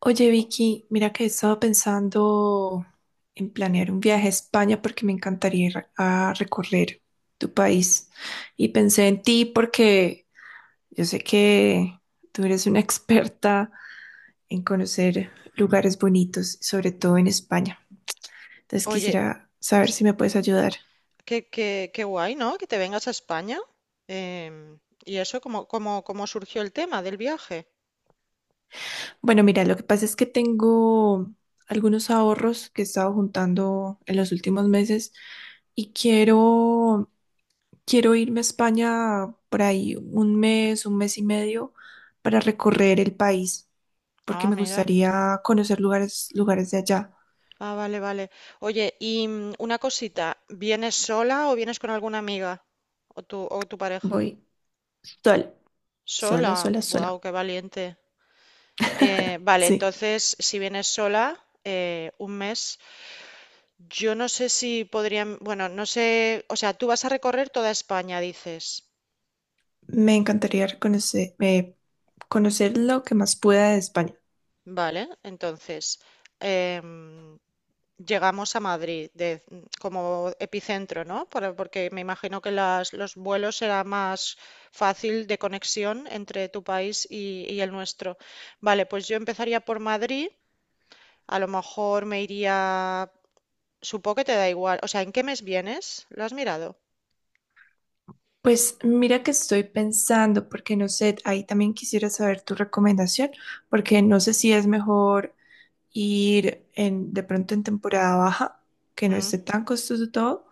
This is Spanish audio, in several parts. Oye, Vicky, mira que he estado pensando en planear un viaje a España porque me encantaría ir a recorrer tu país. Y pensé en ti porque yo sé que tú eres una experta en conocer lugares bonitos, sobre todo en España. Entonces Oye, quisiera saber s- si me puedes ayudar. qué guay, ¿no? Que te vengas a España. Em, ¿Y eso cómo surgió el tema del viaje? Bueno, mira, lo que pasa es que tengo algunos ahorros que he estado juntando en los últimos meses y quiero irme a España por ahí un mes y medio para recorrer el país, porque Ah, me mira. gustaría conocer lugares, lugares de allá. Ah, vale, vale. Oye, y una cosita, ¿vienes sola o vienes con alguna amiga? ¿O tu pareja? Voy sola, sola, Sola. sola, Wow, sola. qué valiente. Vale, Sí, entonces, si vienes sola, un mes, yo no sé si podrían, bueno, no sé, o sea, tú vas a recorrer toda España, dices. me encantaría conocer, conocer lo que más pueda de España. Vale, entonces, em, llegamos a Madrid como epicentro, ¿no? Porque me imagino que las, los vuelos será más fácil de conexión entre tu país y el nuestro. Vale, pues yo empezaría por Madrid. A lo mejor me iría... Supongo que te da igual. O sea, ¿en qué mes vienes? ¿Lo has mirado? Pues mira que estoy pensando, porque no sé, ahí también quisiera saber tu recomendación, porque no sé si es mejor ir de pronto en temporada baja, que no Mm. esté tan costoso todo,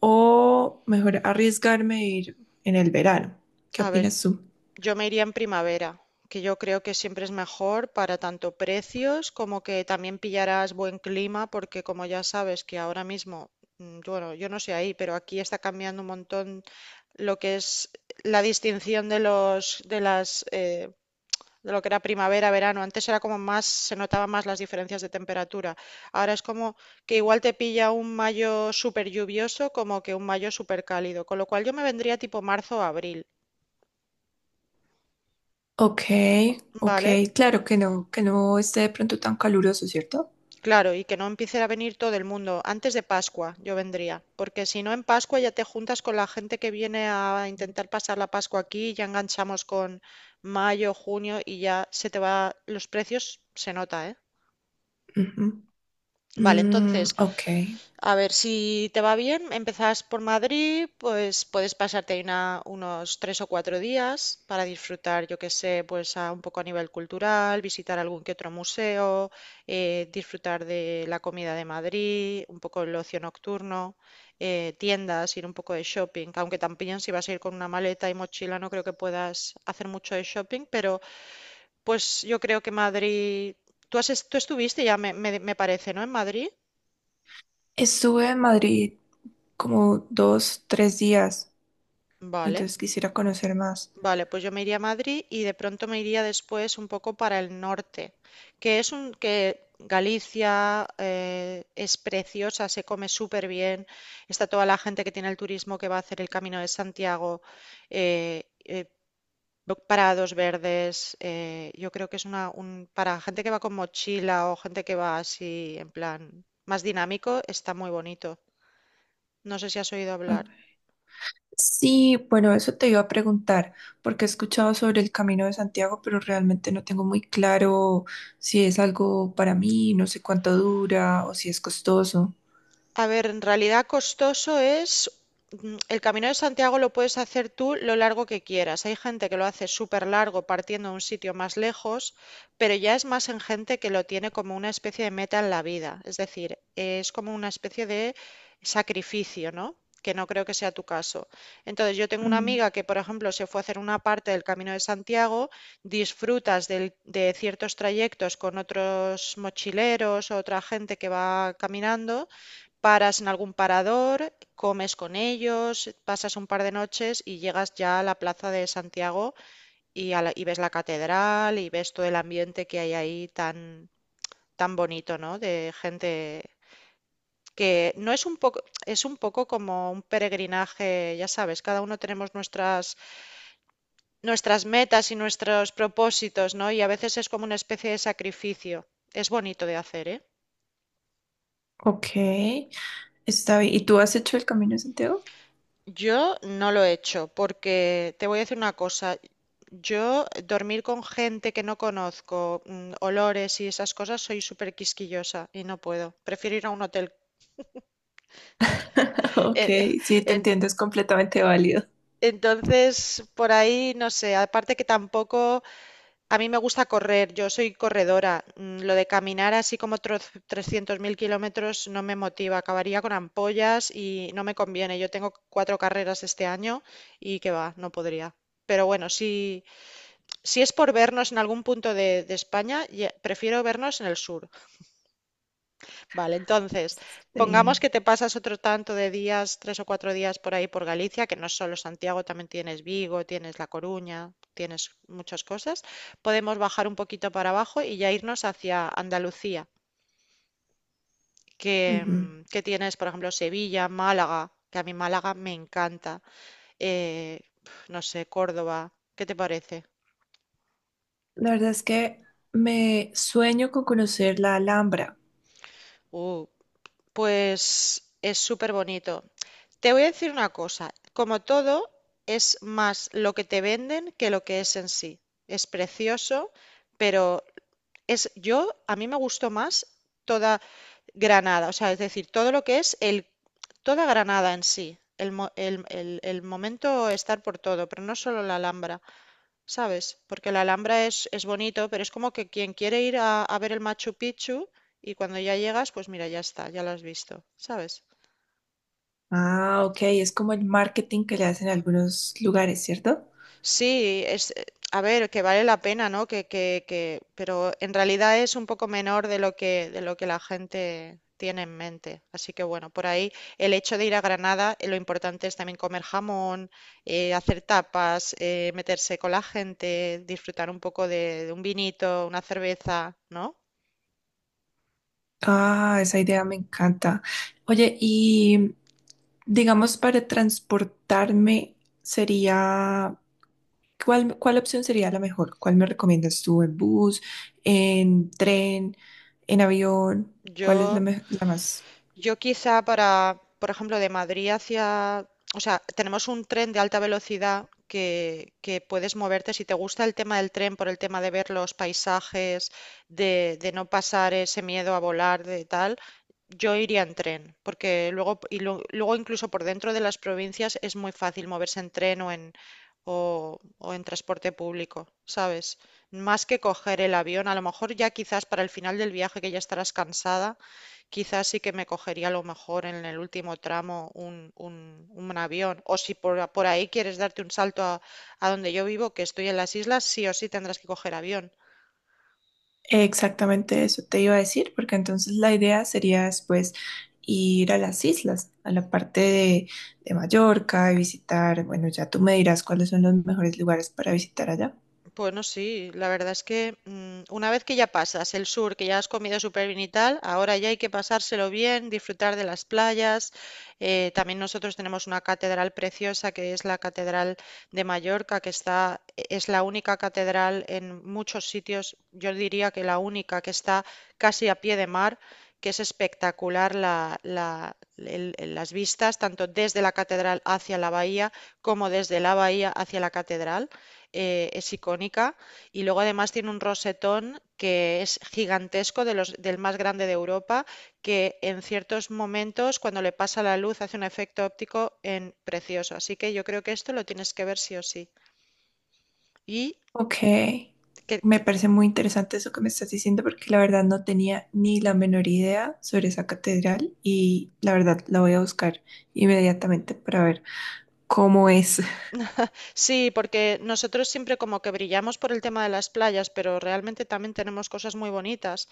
o mejor arriesgarme a ir en el verano. ¿Qué A ver, opinas tú? yo me iría en primavera, que yo creo que siempre es mejor para tanto precios como que también pillarás buen clima, porque como ya sabes que ahora mismo, bueno, yo no sé ahí, pero aquí está cambiando un montón lo que es la distinción de los, de las, de lo que era primavera, verano. Antes era como más, se notaban más las diferencias de temperatura. Ahora es como que igual te pilla un mayo súper lluvioso como que un mayo súper cálido, con lo cual yo me vendría tipo marzo o abril. Ok, ok, Vale, claro que no esté de pronto tan caluroso, ¿cierto? claro, y que no empiece a venir todo el mundo. Antes de Pascua yo vendría, porque si no en Pascua ya te juntas con la gente que viene a intentar pasar la Pascua aquí, ya enganchamos con mayo, junio y ya se te va los precios, se nota, ¿eh? Ujú. Vale, Mm, entonces ok. a ver, si te va bien, empezás por Madrid, pues puedes pasarte ahí unos 3 o 4 días para disfrutar, yo qué sé, pues un poco a nivel cultural, visitar algún que otro museo, disfrutar de la comida de Madrid, un poco el ocio nocturno, tiendas, ir un poco de shopping, aunque también si vas a ir con una maleta y mochila no creo que puedas hacer mucho de shopping, pero pues yo creo que Madrid, tú estuviste ya, me parece, ¿no? En Madrid, Estuve en Madrid como dos, tres días, vale. entonces quisiera conocer más. Vale, pues yo me iría a Madrid y de pronto me iría después un poco para el norte, que es un que Galicia es preciosa, se come súper bien, está toda la gente que tiene el turismo que va a hacer el Camino de Santiago, eh, eh, parados verdes, yo creo que es una un, para gente que va con mochila o gente que va así en plan más dinámico, está muy bonito. No sé si has oído hablar. Ok. Sí, bueno, eso te iba a preguntar, porque he escuchado sobre el Camino de Santiago, pero realmente no tengo muy claro si es algo para mí, no sé cuánto dura o si es costoso. A ver, en realidad costoso es, el Camino de Santiago lo puedes hacer tú lo largo que quieras. Hay gente que lo hace súper largo partiendo a un sitio más lejos, pero ya es más en gente que lo tiene como una especie de meta en la vida. Es decir, es como una especie de sacrificio, ¿no? Que no creo que sea tu caso. Entonces, yo tengo una Mm, amiga que, por ejemplo, se fue a hacer una parte del Camino de Santiago, disfrutas de ciertos trayectos con otros mochileros o otra gente que va caminando. Paras en algún parador, comes con ellos, pasas un par de noches y llegas ya a la plaza de Santiago y, y ves la catedral y ves todo el ambiente que hay ahí tan, tan bonito, ¿no? De gente que no es un poco, es un poco como un peregrinaje, ya sabes, cada uno tenemos nuestras metas y nuestros propósitos, ¿no? Y a veces es como una especie de sacrificio. Es bonito de hacer, ¿eh? ok. Está bien. ¿Y tú has hecho el Camino de Santiago? Yo no lo he hecho porque te voy a decir una cosa, yo dormir con gente que no conozco, olores y esas cosas, soy súper quisquillosa y no puedo, prefiero ir a un hotel. Ok, Eh, sí, te en- entiendo, es completamente válido. entonces, por ahí, no sé, aparte que tampoco, a mí me gusta correr, yo soy corredora, lo de caminar así como 300.000 kilómetros no me motiva, acabaría con ampollas y no me conviene, yo tengo 4 carreras este año y que va, no podría. Pero bueno, sí. Si es por vernos en algún punto de España, prefiero vernos en el sur. Vale, entonces, pongamos Sí. que te pasas otro tanto de días, 3 o 4 días por ahí por Galicia, que no es solo Santiago, también tienes Vigo, tienes La Coruña, tienes muchas cosas. Podemos bajar un poquito para abajo y ya irnos hacia Andalucía, que, Ujú. Que tienes, por ejemplo, Sevilla, Málaga, que a mí Málaga me encanta. eh, no sé, Córdoba, ¿qué te parece? La verdad es que me sueño con conocer la Alhambra. Uh, pues es súper bonito. Te voy a decir una cosa, como todo, es más lo que te venden que lo que es en sí. Es precioso, pero es yo, a mí me gustó más toda Granada, o sea, es decir, todo lo que es el, toda Granada en sí, el, el momento estar por todo, pero no solo la Alhambra, ¿sabes? Porque la Alhambra es bonito, pero es como que quien quiere ir a ver el Machu Picchu y cuando ya llegas, pues mira, ya está, ya lo has visto, ¿sabes? Ah, ok, es como el marketing que le hacen en algunos lugares, ¿cierto? Sí, es, a ver, que vale la pena, ¿no? Pero en realidad es un poco menor de lo que la gente tiene en mente. Así que bueno, por ahí el hecho de ir a Granada, lo importante es también comer jamón, hacer tapas, meterse con la gente, disfrutar un poco de un vinito, una cerveza, ¿no? Ah, esa idea me encanta. Oye, y digamos para transportarme sería, ¿cuál opción sería la mejor? ¿Cuál me recomiendas tú? ¿En bus, en tren, en avión? ¿Cuál es Yo la más? Yo quizá para, por ejemplo, de Madrid hacia, o sea, tenemos un tren de alta velocidad que puedes moverte. Si te gusta el tema del tren, por el tema de ver los paisajes, de no pasar ese miedo a volar, de tal, yo iría en tren, porque luego, y luego incluso por dentro de las provincias es muy fácil moverse en tren o en, o en transporte público, ¿sabes? Más que coger el avión, a lo mejor ya quizás para el final del viaje que ya estarás cansada quizás sí que me cogería a lo mejor en el último tramo un, un avión. O si por, por ahí quieres darte un salto a donde yo vivo, que estoy en las islas, sí o sí tendrás que coger avión. Exactamente eso te iba a decir, porque entonces la idea sería después ir a las islas, a la parte de Mallorca y visitar, bueno, ya tú me dirás cuáles son los mejores lugares para visitar allá. Bueno, sí, la verdad es que una vez que ya pasas el sur, que ya has comido súper bien y tal, ahora ya hay que pasárselo bien, disfrutar de las playas. También nosotros tenemos una catedral preciosa que es la Catedral de Mallorca, que está, es la única catedral en muchos sitios, yo diría que la única que está casi a pie de mar, que es espectacular las vistas, tanto desde la catedral hacia la bahía como desde la bahía hacia la catedral, es icónica y luego además tiene un rosetón que es gigantesco, de los, del más grande de Europa, que en ciertos momentos cuando le pasa la luz hace un efecto óptico en precioso. Así que yo creo que esto lo tienes que ver sí o sí. Y Ok, que- me que- parece muy interesante eso que me estás diciendo porque la verdad no tenía ni la menor idea sobre esa catedral y la verdad la voy a buscar inmediatamente para ver cómo es. sí, porque nosotros siempre como que brillamos por el tema de las playas, pero realmente también tenemos cosas muy bonitas.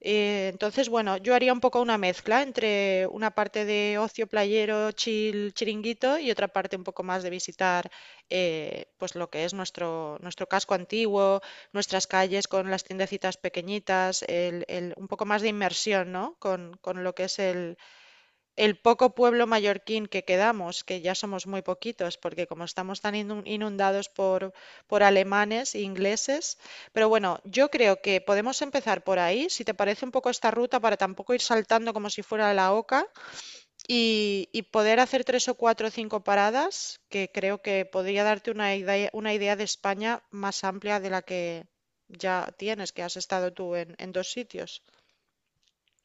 Entonces, bueno, yo haría un poco una mezcla entre una parte de ocio playero, chill, chiringuito y otra parte un poco más de visitar pues lo que es nuestro casco antiguo, nuestras calles con las tiendecitas pequeñitas, un poco más de inmersión, ¿no? Con lo que es el poco pueblo mallorquín que quedamos, que ya somos muy poquitos, porque como estamos tan inundados por alemanes e ingleses, pero bueno, yo creo que podemos empezar por ahí, si te parece un poco esta ruta, para tampoco ir saltando como si fuera la oca, y poder hacer 3 o 4 o 5 paradas, que creo que podría darte una idea de España más amplia de la que ya tienes, que has estado tú en dos sitios.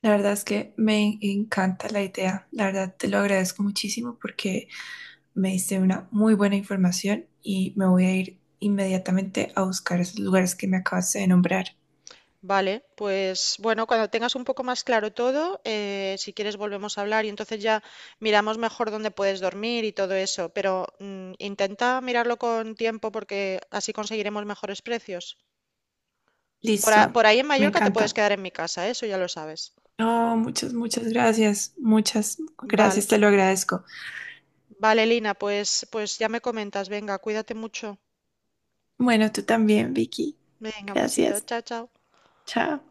La verdad es que me encanta la idea, la verdad te lo agradezco muchísimo porque... Me diste una muy buena información y me voy a ir inmediatamente a buscar esos lugares que me acabaste de nombrar. Vale, pues bueno, cuando tengas un poco más claro todo, si quieres volvemos a hablar y entonces ya miramos mejor dónde puedes dormir y todo eso, pero intenta mirarlo con tiempo porque así conseguiremos mejores precios. Por, Listo, por ahí en me Mallorca te puedes encanta. quedar en mi casa, ¿eh? Eso ya lo sabes. Oh, muchas, muchas gracias. Muchas Vale, gracias, te lo agradezco. vale, Lina, pues, pues ya me comentas, venga, cuídate mucho. Bueno, tú también, Vicky. Venga, un besito, Gracias. chao, chao. Chao.